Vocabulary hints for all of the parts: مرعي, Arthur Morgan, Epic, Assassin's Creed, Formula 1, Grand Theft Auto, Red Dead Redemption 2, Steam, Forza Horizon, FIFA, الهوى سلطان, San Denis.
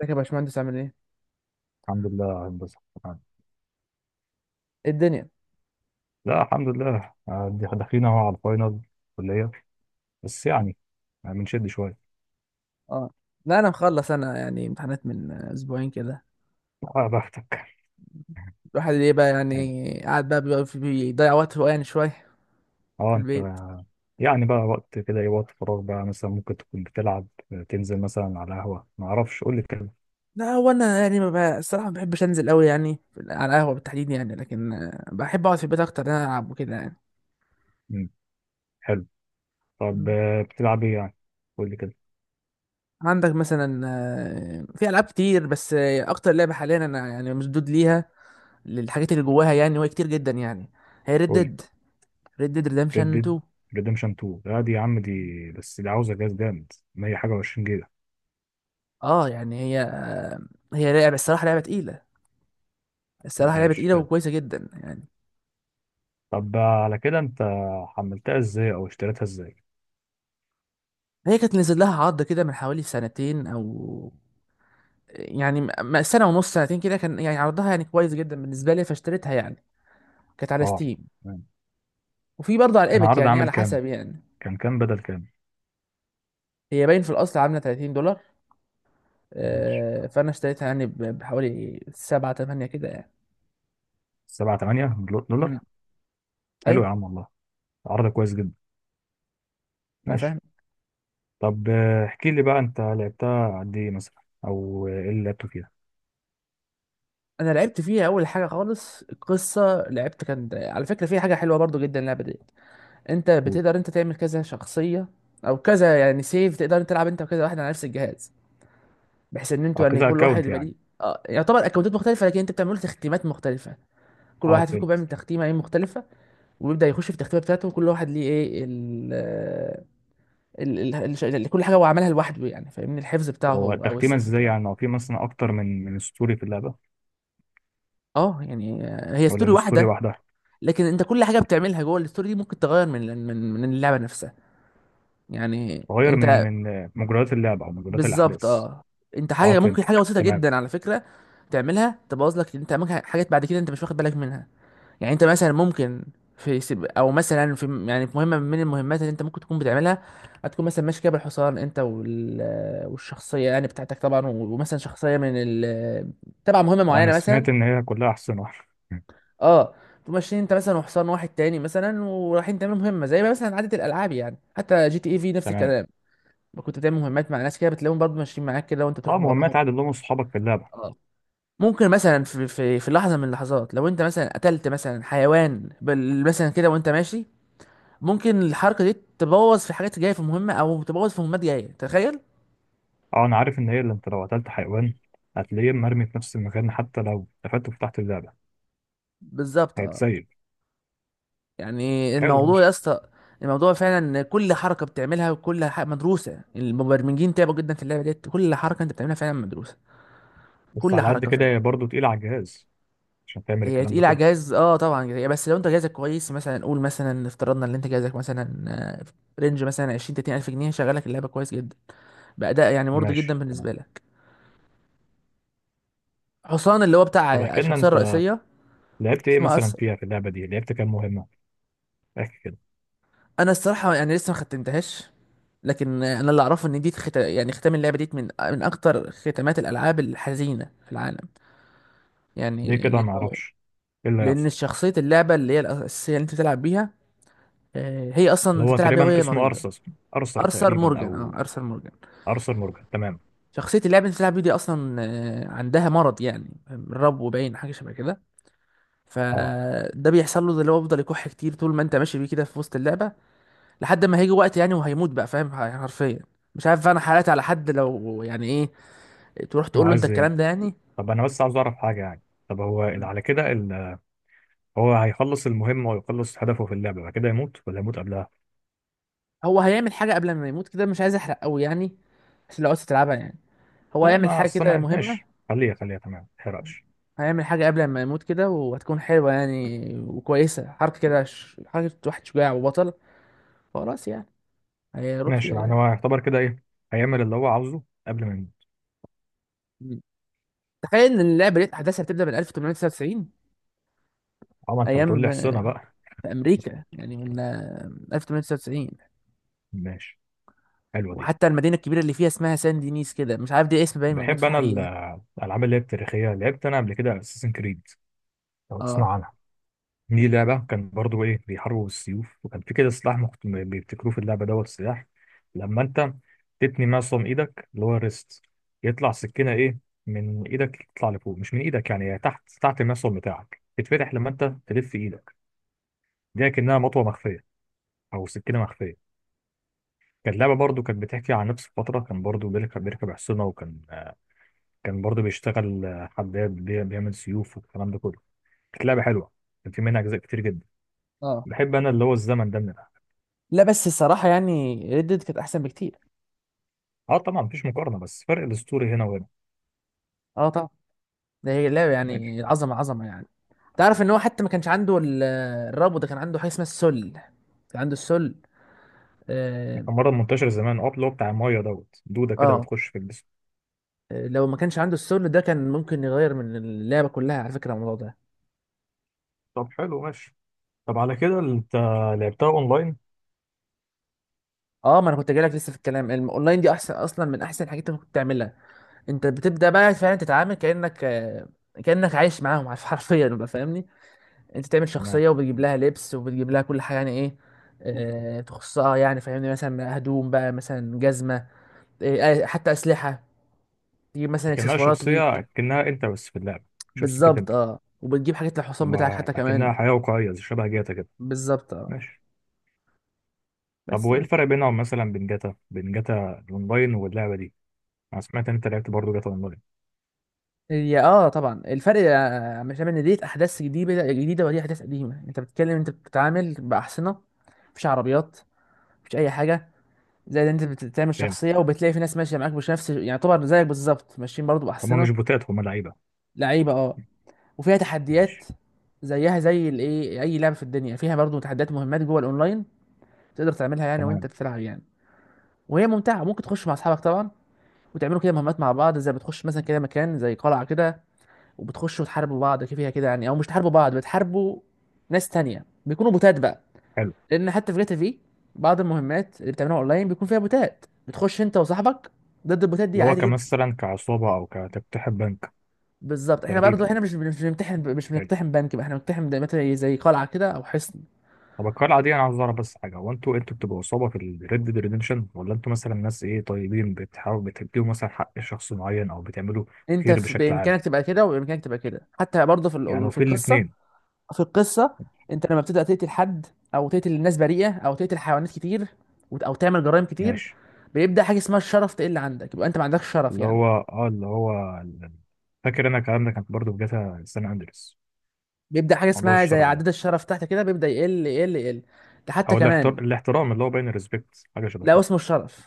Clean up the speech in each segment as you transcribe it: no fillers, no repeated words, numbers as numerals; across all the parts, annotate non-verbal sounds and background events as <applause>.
ازيك يا باشمهندس عامل ايه؟ الحمد لله يا هندسة، تمام. ايه الدنيا؟ لا الحمد لله، داخلين اهو على الفاينل كلية، بس يعني بنشد شوية. اه، لا انا مخلص، انا يعني امتحانات من اسبوعين كده. اه، بختك الواحد ايه بقى حلو. يعني قاعد بقى بيبقى بيضيع وقته يعني شويه في اه انت، البيت. يعني بقى وقت كده ايه، وقت فراغ بقى مثلا ممكن تكون بتلعب، تنزل مثلا على قهوة، ما اعرفش، قول لي كده. لا هو انا يعني ما بقى الصراحه ما بحبش انزل قوي يعني على القهوه بالتحديد يعني، لكن بحب اقعد في البيت اكتر، انا العب وكده يعني. مم. حلو. طب مم. بتلعب ايه يعني؟ قول لي كده. عندك مثلا في العاب كتير، بس اكتر لعبه حاليا انا يعني مشدود ليها للحاجات اللي جواها يعني، وهي كتير جدا يعني. هي ريد قول لي. ديد. ريد ديد ريد ريدمشن ديد 2. ريدمشن 2؟ لا دي يا عم، دي بس دي عاوزة جهاز جامد 100 حاجة و20 جيجا. اه يعني هي لعبه الصراحه، لعبه تقيله. الصراحه لعبه ماشي، تقيله حلو. وكويسه جدا يعني. طب على كده انت حملتها ازاي، او اشتريتها ازاي؟ هي كانت نزل لها عرض كده من حوالي سنتين او يعني، سنه ونص سنتين كده، كان يعني عرضها يعني كويس جدا بالنسبه لي، فاشتريتها يعني. كانت على اه. ستيم، وفي برضه على كان ايبك عرض يعني، عامل على كام؟ حسب يعني. كان كام بدل كام؟ هي باين في الاصل عامله $30، ماشي. فانا اشتريتها يعني بحوالي 7 8 كده يعني. 7 8 مم. دولار حلو يا ايوه. عم والله، عرض كويس جدا. انا ماشي. فاهم. طب احكي لي بقى انت لعبتها قد ايه مثلا، او ايه اللي لعبته فيها؟ انا لعبت فيها اول حاجه خالص القصه، لعبت كان على فكره فيها حاجه حلوه برضه جدا اللعبه دي. انت قول. بتقدر انت تعمل كذا شخصيه، او كذا يعني سيف، تقدر انت تلعب انت وكذا واحد على نفس الجهاز، بحيث ان اه، انتوا يعني كذا كل واحد اكونت يبقى ليه. يعني. اه، يعتبر اكونتات مختلفه، لكن انت بتعملوا تختيمات مختلفه. كل اه واحد فيكم فهمت. بيعمل تختيمه ايه مختلفه، ويبدا يخش في التختيمه بتاعته، وكل واحد ليه ايه كل حاجه هو عملها لوحده يعني، فاهمني؟ الحفظ بتاعه هو هو او تختيمه السيف ازاي بتاعه. يعني؟ هو في مثلا اكتر من من ستوري في اللعبه، اه يعني هي ولا ستوري الستوري واحده، واحده؟ لكن انت كل حاجه بتعملها جوه الستوري دي ممكن تغير من اللعبه نفسها. يعني غير من انت. من آه، مجريات اللعبه، او مجريات بالظبط الاحداث. اه. انت اه حاجه ممكن، حاجه فهمتك بسيطه تمام. جدا على فكره تعملها تبوظ لك، انت ممكن حاجات بعد كده انت مش واخد بالك منها. يعني انت مثلا ممكن او مثلا في يعني في مهمه من المهمات اللي انت ممكن تكون بتعملها، هتكون مثلا ماشي كده بالحصان انت <hesitation> والشخصيه يعني بتاعتك طبعا، ومثلا شخصيه <hesitation> تبع مهمه اه انا معينه مثلا. سمعت ان هي كلها احسن واحده. <laughs> اه، تقوم ماشيين انت مثلا وحصان واحد تاني مثلا، ورايحين تعملوا مهمه زي ما مثلا عاده الالعاب يعني، حتى GTA في نفس تمام. الكلام. كنت بتعمل مهمات مع ناس كده، بتلاقيهم برضه ماشيين معاك كده وانت اه، بتروح وراهم. مهمات عادي اللي هم اصحابك في اللعبه. اه، ممكن مثلا في لحظه من اللحظات، لو انت مثلا قتلت مثلا حيوان مثلا كده وانت ماشي، ممكن الحركه دي تبوظ في حاجات جايه في مهمه، او تبوظ في مهمات جايه، تخيل. اه انا عارف ان هي، اللي انت لو قتلت حيوان هتلاقيه مرمي في نفس المكان، حتى لو قفلت وفتحت اللعبه. بالظبط اه. هيتسيب. يعني حلو، الموضوع يا ماشي. اسطى، الموضوع فعلا إن كل حركه بتعملها، مدروسه. المبرمجين تعبوا جدا في اللعبه ديت، كل حركه انت بتعملها فعلا مدروسه. بس كل على قد حركه. كده هي برضه تقيله على الجهاز، عشان تعمل هي الكلام ده تقيلة على كله. الجهاز اه طبعا، هي بس لو انت جهازك كويس، مثلا قول مثلا افترضنا ان انت جهازك مثلا في رينج مثلا 20 30 الف جنيه، شغالك اللعبة كويس جدا، بأداء يعني مرضي ماشي جدا تمام. بالنسبة لك. حصان اللي هو بتاع طب احكي لنا الشخصية انت، الرئيسية لعبت ايه اسمه مثلا ارثر. فيها، في اللعبه دي لعبت كام مهمه؟ احكي كده. انا الصراحة يعني لسه ما ختمتهاش، لكن انا اللي اعرفه ان دي يعني ختام اللعبة دي من اكتر ختامات الالعاب الحزينة في العالم. ليه يعني كده، ما لانه، اعرفش؟ ايه اللي لان هيحصل؟ شخصية اللعبة اللي هي الاساسية اللي انت بتلعب بيها، هي اصلا اللي انت هو بتلعب بيها تقريبا وهي اسمه مريضة. ارثر. ارثر ارثر تقريبا، مورجان. اه او ارثر مورجان. ارثر مورجان تمام. شخصية اللاعب اللي انت بتلعب بيه دي اصلا عندها مرض يعني، رب باين حاجة شبه كده، اه فده بيحصل له اللي هو بيفضل يكح كتير طول ما انت ماشي بيه كده في وسط اللعبة، لحد ما هيجي وقت يعني وهيموت بقى، فاهم يعني حرفيا. مش عارف انا حالات على حد، لو يعني ايه، تروح انا تقول له انت عايز ايه، الكلام ده يعني. طب انا بس عاوز اعرف حاجه يعني. طب هو اللي على كده هو هيخلص المهمه ويخلص هدفه في اللعبه بعد كده يموت، ولا يموت قبلها؟ هو هيعمل حاجة قبل ما يموت كده، مش عايز احرق قوي يعني، بس لو عايز تلعبها يعني. هو لا، هيعمل ما حاجة اصل كده انا مهمة. ماشي، خليها خليها تمام، ما تحرقش. هيعمل حاجة قبل ما يموت كده، وهتكون حلوة يعني وكويسة، حركة كده حركة واحد شجاع وبطل، خلاص يعني، هيروح ماشي، فيها يعني يعني. هو يعتبر كده ايه، هيعمل اللي هو عاوزه قبل ما يموت. مم. تخيل ان اللعبه دي احداثها بتبدا من 1899. اه ما انت بتقول ايام لي احصنها بقى. في امريكا يعني، من 1899 ماشي، حلوه دي. وحتى المدينه الكبيره اللي فيها اسمها سان دينيس كده، مش عارف دي اسم باين موجود بحب في انا الحقيقه. الالعاب اللي هي التاريخيه، لعبت انا قبل كده اساسن كريد، لو اه. تسمع عنها. دي لعبه كان برضو ايه، بيحاربوا بالسيوف، وكان في كده سلاح بيبتكروه في اللعبه دوت، سلاح لما انت تتني معصم ايدك اللي هو الريست، يطلع سكينه ايه من ايدك، تطلع لفوق مش من ايدك، يعني هي تحت، تحت المعصم بتاعك تتفتح لما انت تلف ايدك. دي كأنها مطوة مخفية أو سكينة مخفية. كانت لعبة برضو، كانت بتحكي عن نفس الفترة، كان برضو بيركب حصنة، وكان آه، كان برضو بيشتغل حداد، بيعمل سيوف والكلام ده كله. كانت لعبة حلوة، كان في منها أجزاء كتير جدا. اه. بحب أنا اللي هو الزمن ده من الألعاب. لا بس الصراحه يعني ريد ديد كانت احسن بكتير. أه طبعا مفيش مقارنة، بس فرق الأسطوري هنا وهنا. اه طبعا، ده هي لعبه ماشي. يعني عظمه عظمه يعني. تعرف ان هو حتى ما كانش عنده الربو، ده كان عنده حاجه اسمها السل. كان عنده السل. اه. كان مرة منتشر زمان، اللي هو بتاع المية دوت، دودة كده آه. بتخش في الجسم. لو ما كانش عنده السل ده، كان ممكن يغير من اللعبه كلها على فكره الموضوع ده. طب حلو، ماشي. طب على كده أنت لعبتها أونلاين؟ اه، ما انا كنت جايلك لسه في الكلام الاونلاين، دي احسن اصلا من احسن الحاجات اللي ممكن تعملها. انت بتبدا بقى فعلا تتعامل كانك كانك عايش معاهم <laughs> عارف حرفيا بقى فاهمني. انت تعمل تمام. شخصيه وبتجيب لها لبس وبتجيب لها كل حاجه يعني ايه، تخصها يعني فاهمني، مثلا هدوم بقى، مثلا جزمه، حتى اسلحه، تجيب مثلا لكنها اكسسوارات ليك. شخصية كأنها أنت، بس في اللعبة شخصيتك بالظبط أنت. اه، وبتجيب حاجات للحصان بتاعك ما حتى كمان. اكنها حياه واقعيه، زي شبه جاتا كده. بالظبط اه. ماشي. طب بس وايه يعني، الفرق بينهم مثلا، بين جاتا بين جاتا الاونلاين واللعبه دي؟ انا سمعت ان انت لعبت برضه جاتا اونلاين. هي اه طبعا الفرق مش ان ديت احداث جديده جديده ودي احداث قديمه. انت بتتكلم، انت بتتعامل باحصنه، مفيش عربيات، مفيش اي حاجه. زي ده انت بتعمل فاهم. شخصيه، وبتلاقي في ناس ماشيه معاك مش نفس يعني، يعتبر زيك بالظبط، ماشيين برضو هما باحصنه. مش بوتات، هما لعيبه. لعيبه اه. وفيها تحديات، ماشي زيها زي الايه، اي لعبه في الدنيا فيها برضو تحديات، مهمات جوه الاونلاين تقدر تعملها يعني وانت تمام، بتلعب يعني. وهي ممتعه، ممكن تخش مع اصحابك طبعا وتعملوا كده مهمات مع بعض، زي بتخش مثلا كده مكان زي قلعه كده، وبتخشوا تحاربوا بعض فيها كده يعني، او مش تحاربوا بعض، بتحاربوا ناس تانية بيكونوا بوتات بقى. حلو. لان حتى في جاتا، في بعض المهمات اللي بتعملوها اونلاين بيكون فيها بوتات، بتخش انت وصاحبك ضد البوتات دي اللي هو عادي جدا. كمثلا كعصابه، او كتفتح بنك. بالظبط، احنا برضه تقريبا. احنا مش بنمتحن، مش حلو. بنقتحم بنك بقى، احنا بنقتحم ده مثلا زي قلعه كده او حصن. طب القلعه دي، انا عاوز اعرف بس حاجه، هو انتوا بتبقوا عصابه في الريد ديد ريدمشن، ولا انتوا مثلا ناس ايه طيبين بتحاولوا بتديهم مثلا حق شخص معين، او بتعملوا انت خير في بشكل عام؟ بامكانك تبقى كده، وبامكانك تبقى كده، حتى برضه يعني هو في في القصه. الاثنين. في القصه انت لما بتبدا تقتل حد، او تقتل الناس بريئه، او تقتل حيوانات كتير، او تعمل جرائم كتير، ماشي. بيبدا حاجه اسمها الشرف تقل عندك، يبقى انت ما عندكش شرف اللي يعني. هو اه اللي هو فاكر انا الكلام ده كان برضه في جاتا سان اندريس، بيبدا حاجه موضوع اسمها زي الشرف ده، عداد الشرف تحت كده، بيبدا يقل يقل يقل. ده حتى او كمان. الاحترام اللي هو باين الريسبكت، حاجه شبه لا كده. اسمه الشرف.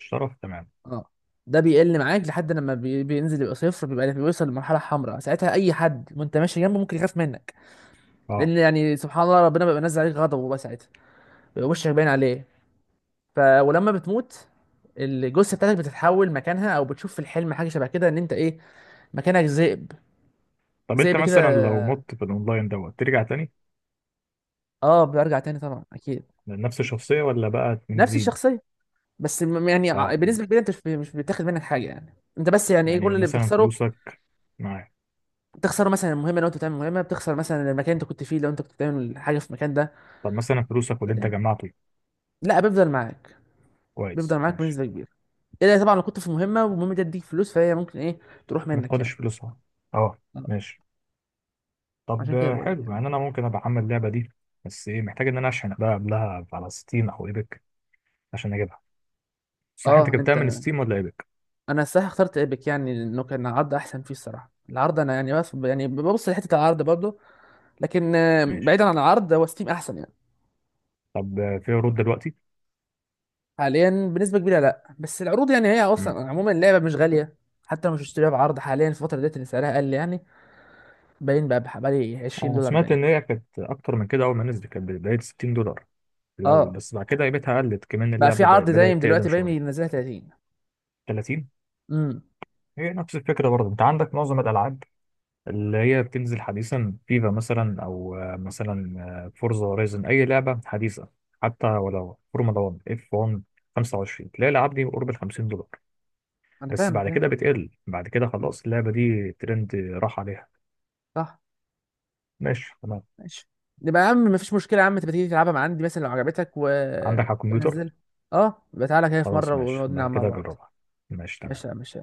الشرف تمام. اه. ده بيقل معاك لحد لما بينزل يبقى صفر، بيبقى يعني بيوصل لمرحله حمراء، ساعتها اي حد وانت ماشي جنبه ممكن يخاف منك، لان اه. يعني سبحان الله ربنا بيبقى نزل عليك غضبه بقى ساعتها، بيبقى وشك باين عليه. ف ولما بتموت، الجثه بتاعتك بتتحول مكانها، او بتشوف في الحلم حاجه شبه كده ان انت ايه، مكانك ذئب. طب انت ذئب كده. مثلا لو مت في الاونلاين دوت، ترجع تاني اه، بيرجع تاني طبعا اكيد. لنفس الشخصيه، ولا بقى من نفس جديد؟ الشخصيه. بس يعني اه فهمت. بالنسبه كبيره انت مش بتاخد منك حاجه يعني، انت بس يعني ايه يعني كل اللي مثلا بتخسره، فلوسك معاك. بتخسر مثلا المهمه لو انت بتعمل مهمه، بتخسر مثلا المكان انت كنت فيه لو انت كنت بتعمل حاجه في المكان ده طب مثلا فلوسك واللي انت كده. جمعته. لا بيفضل معاك، بيفضل كويس، معاك ماشي. بنسبه كبيره. الا طبعا لو كنت في مهمه والمهمه دي تديك فلوس، فهي ممكن ايه، تروح ما منك تاخدش يعني. فلوسها. اه، آه. ماشي. طب عشان كده بقول لك حلو، يعني. يعني انا ممكن ابقى احمل اللعبه دي، بس ايه، محتاج ان انا اشحن بقى قبلها على ستيم او ايبك عشان اجيبها؟ صح انت اه جبتها من انت، ستيم ولا ايبك؟ انا الصراحه اخترت ايبك يعني، لانه كان عرض احسن فيه الصراحه، العرض انا يعني بس يعني ببص لحته العرض برضه، لكن ماشي. بعيدا عن العرض هو ستيم احسن يعني. طب في عروض دلوقتي؟ حاليا بنسبه كبيره لا، بس العروض يعني هي امم. اصلا عموما اللعبه مش غاليه، حتى لو مش اشتريها بعرض حاليا في الفتره ديت اللي سعرها قل يعني، باين بقى بحوالي 20 انا دولار سمعت باين. ان هي كانت اكتر من كده، اول ما نزلت كانت بدايه $60 الاول، اه بس بعد كده قيمتها قلت، كمان بقى في اللعبه عرض دايم بدات تقدم دلوقتي باين شويه. ينزلها 30. 30. امم. هي نفس الفكره برضه، انت عندك معظم الالعاب اللي هي بتنزل حديثا، فيفا مثلا، او مثلا فورزا هورايزن، اي لعبه حديثه، حتى ولو فورمولا 1 اف 1 25، تلاقي الالعاب دي قرب ال $50، انا بس فاهم بعد فاهم. كده بتقل، بعد كده خلاص اللعبه دي ترند راح عليها. صح. ماشي. ماشي. يبقى يا عم مفيش مشكله يا عم، تبقى تيجي تلعبها مع عندي مثلا لو عجبتك و، عندك على يبقى الكمبيوتر. نزلها. اه يبقى تعالى كده في خلاص مره ماشي، ونقعد ده نلعب مع كده بعض. جربها. ماشي تمام. ماشي يا عم، ماشي.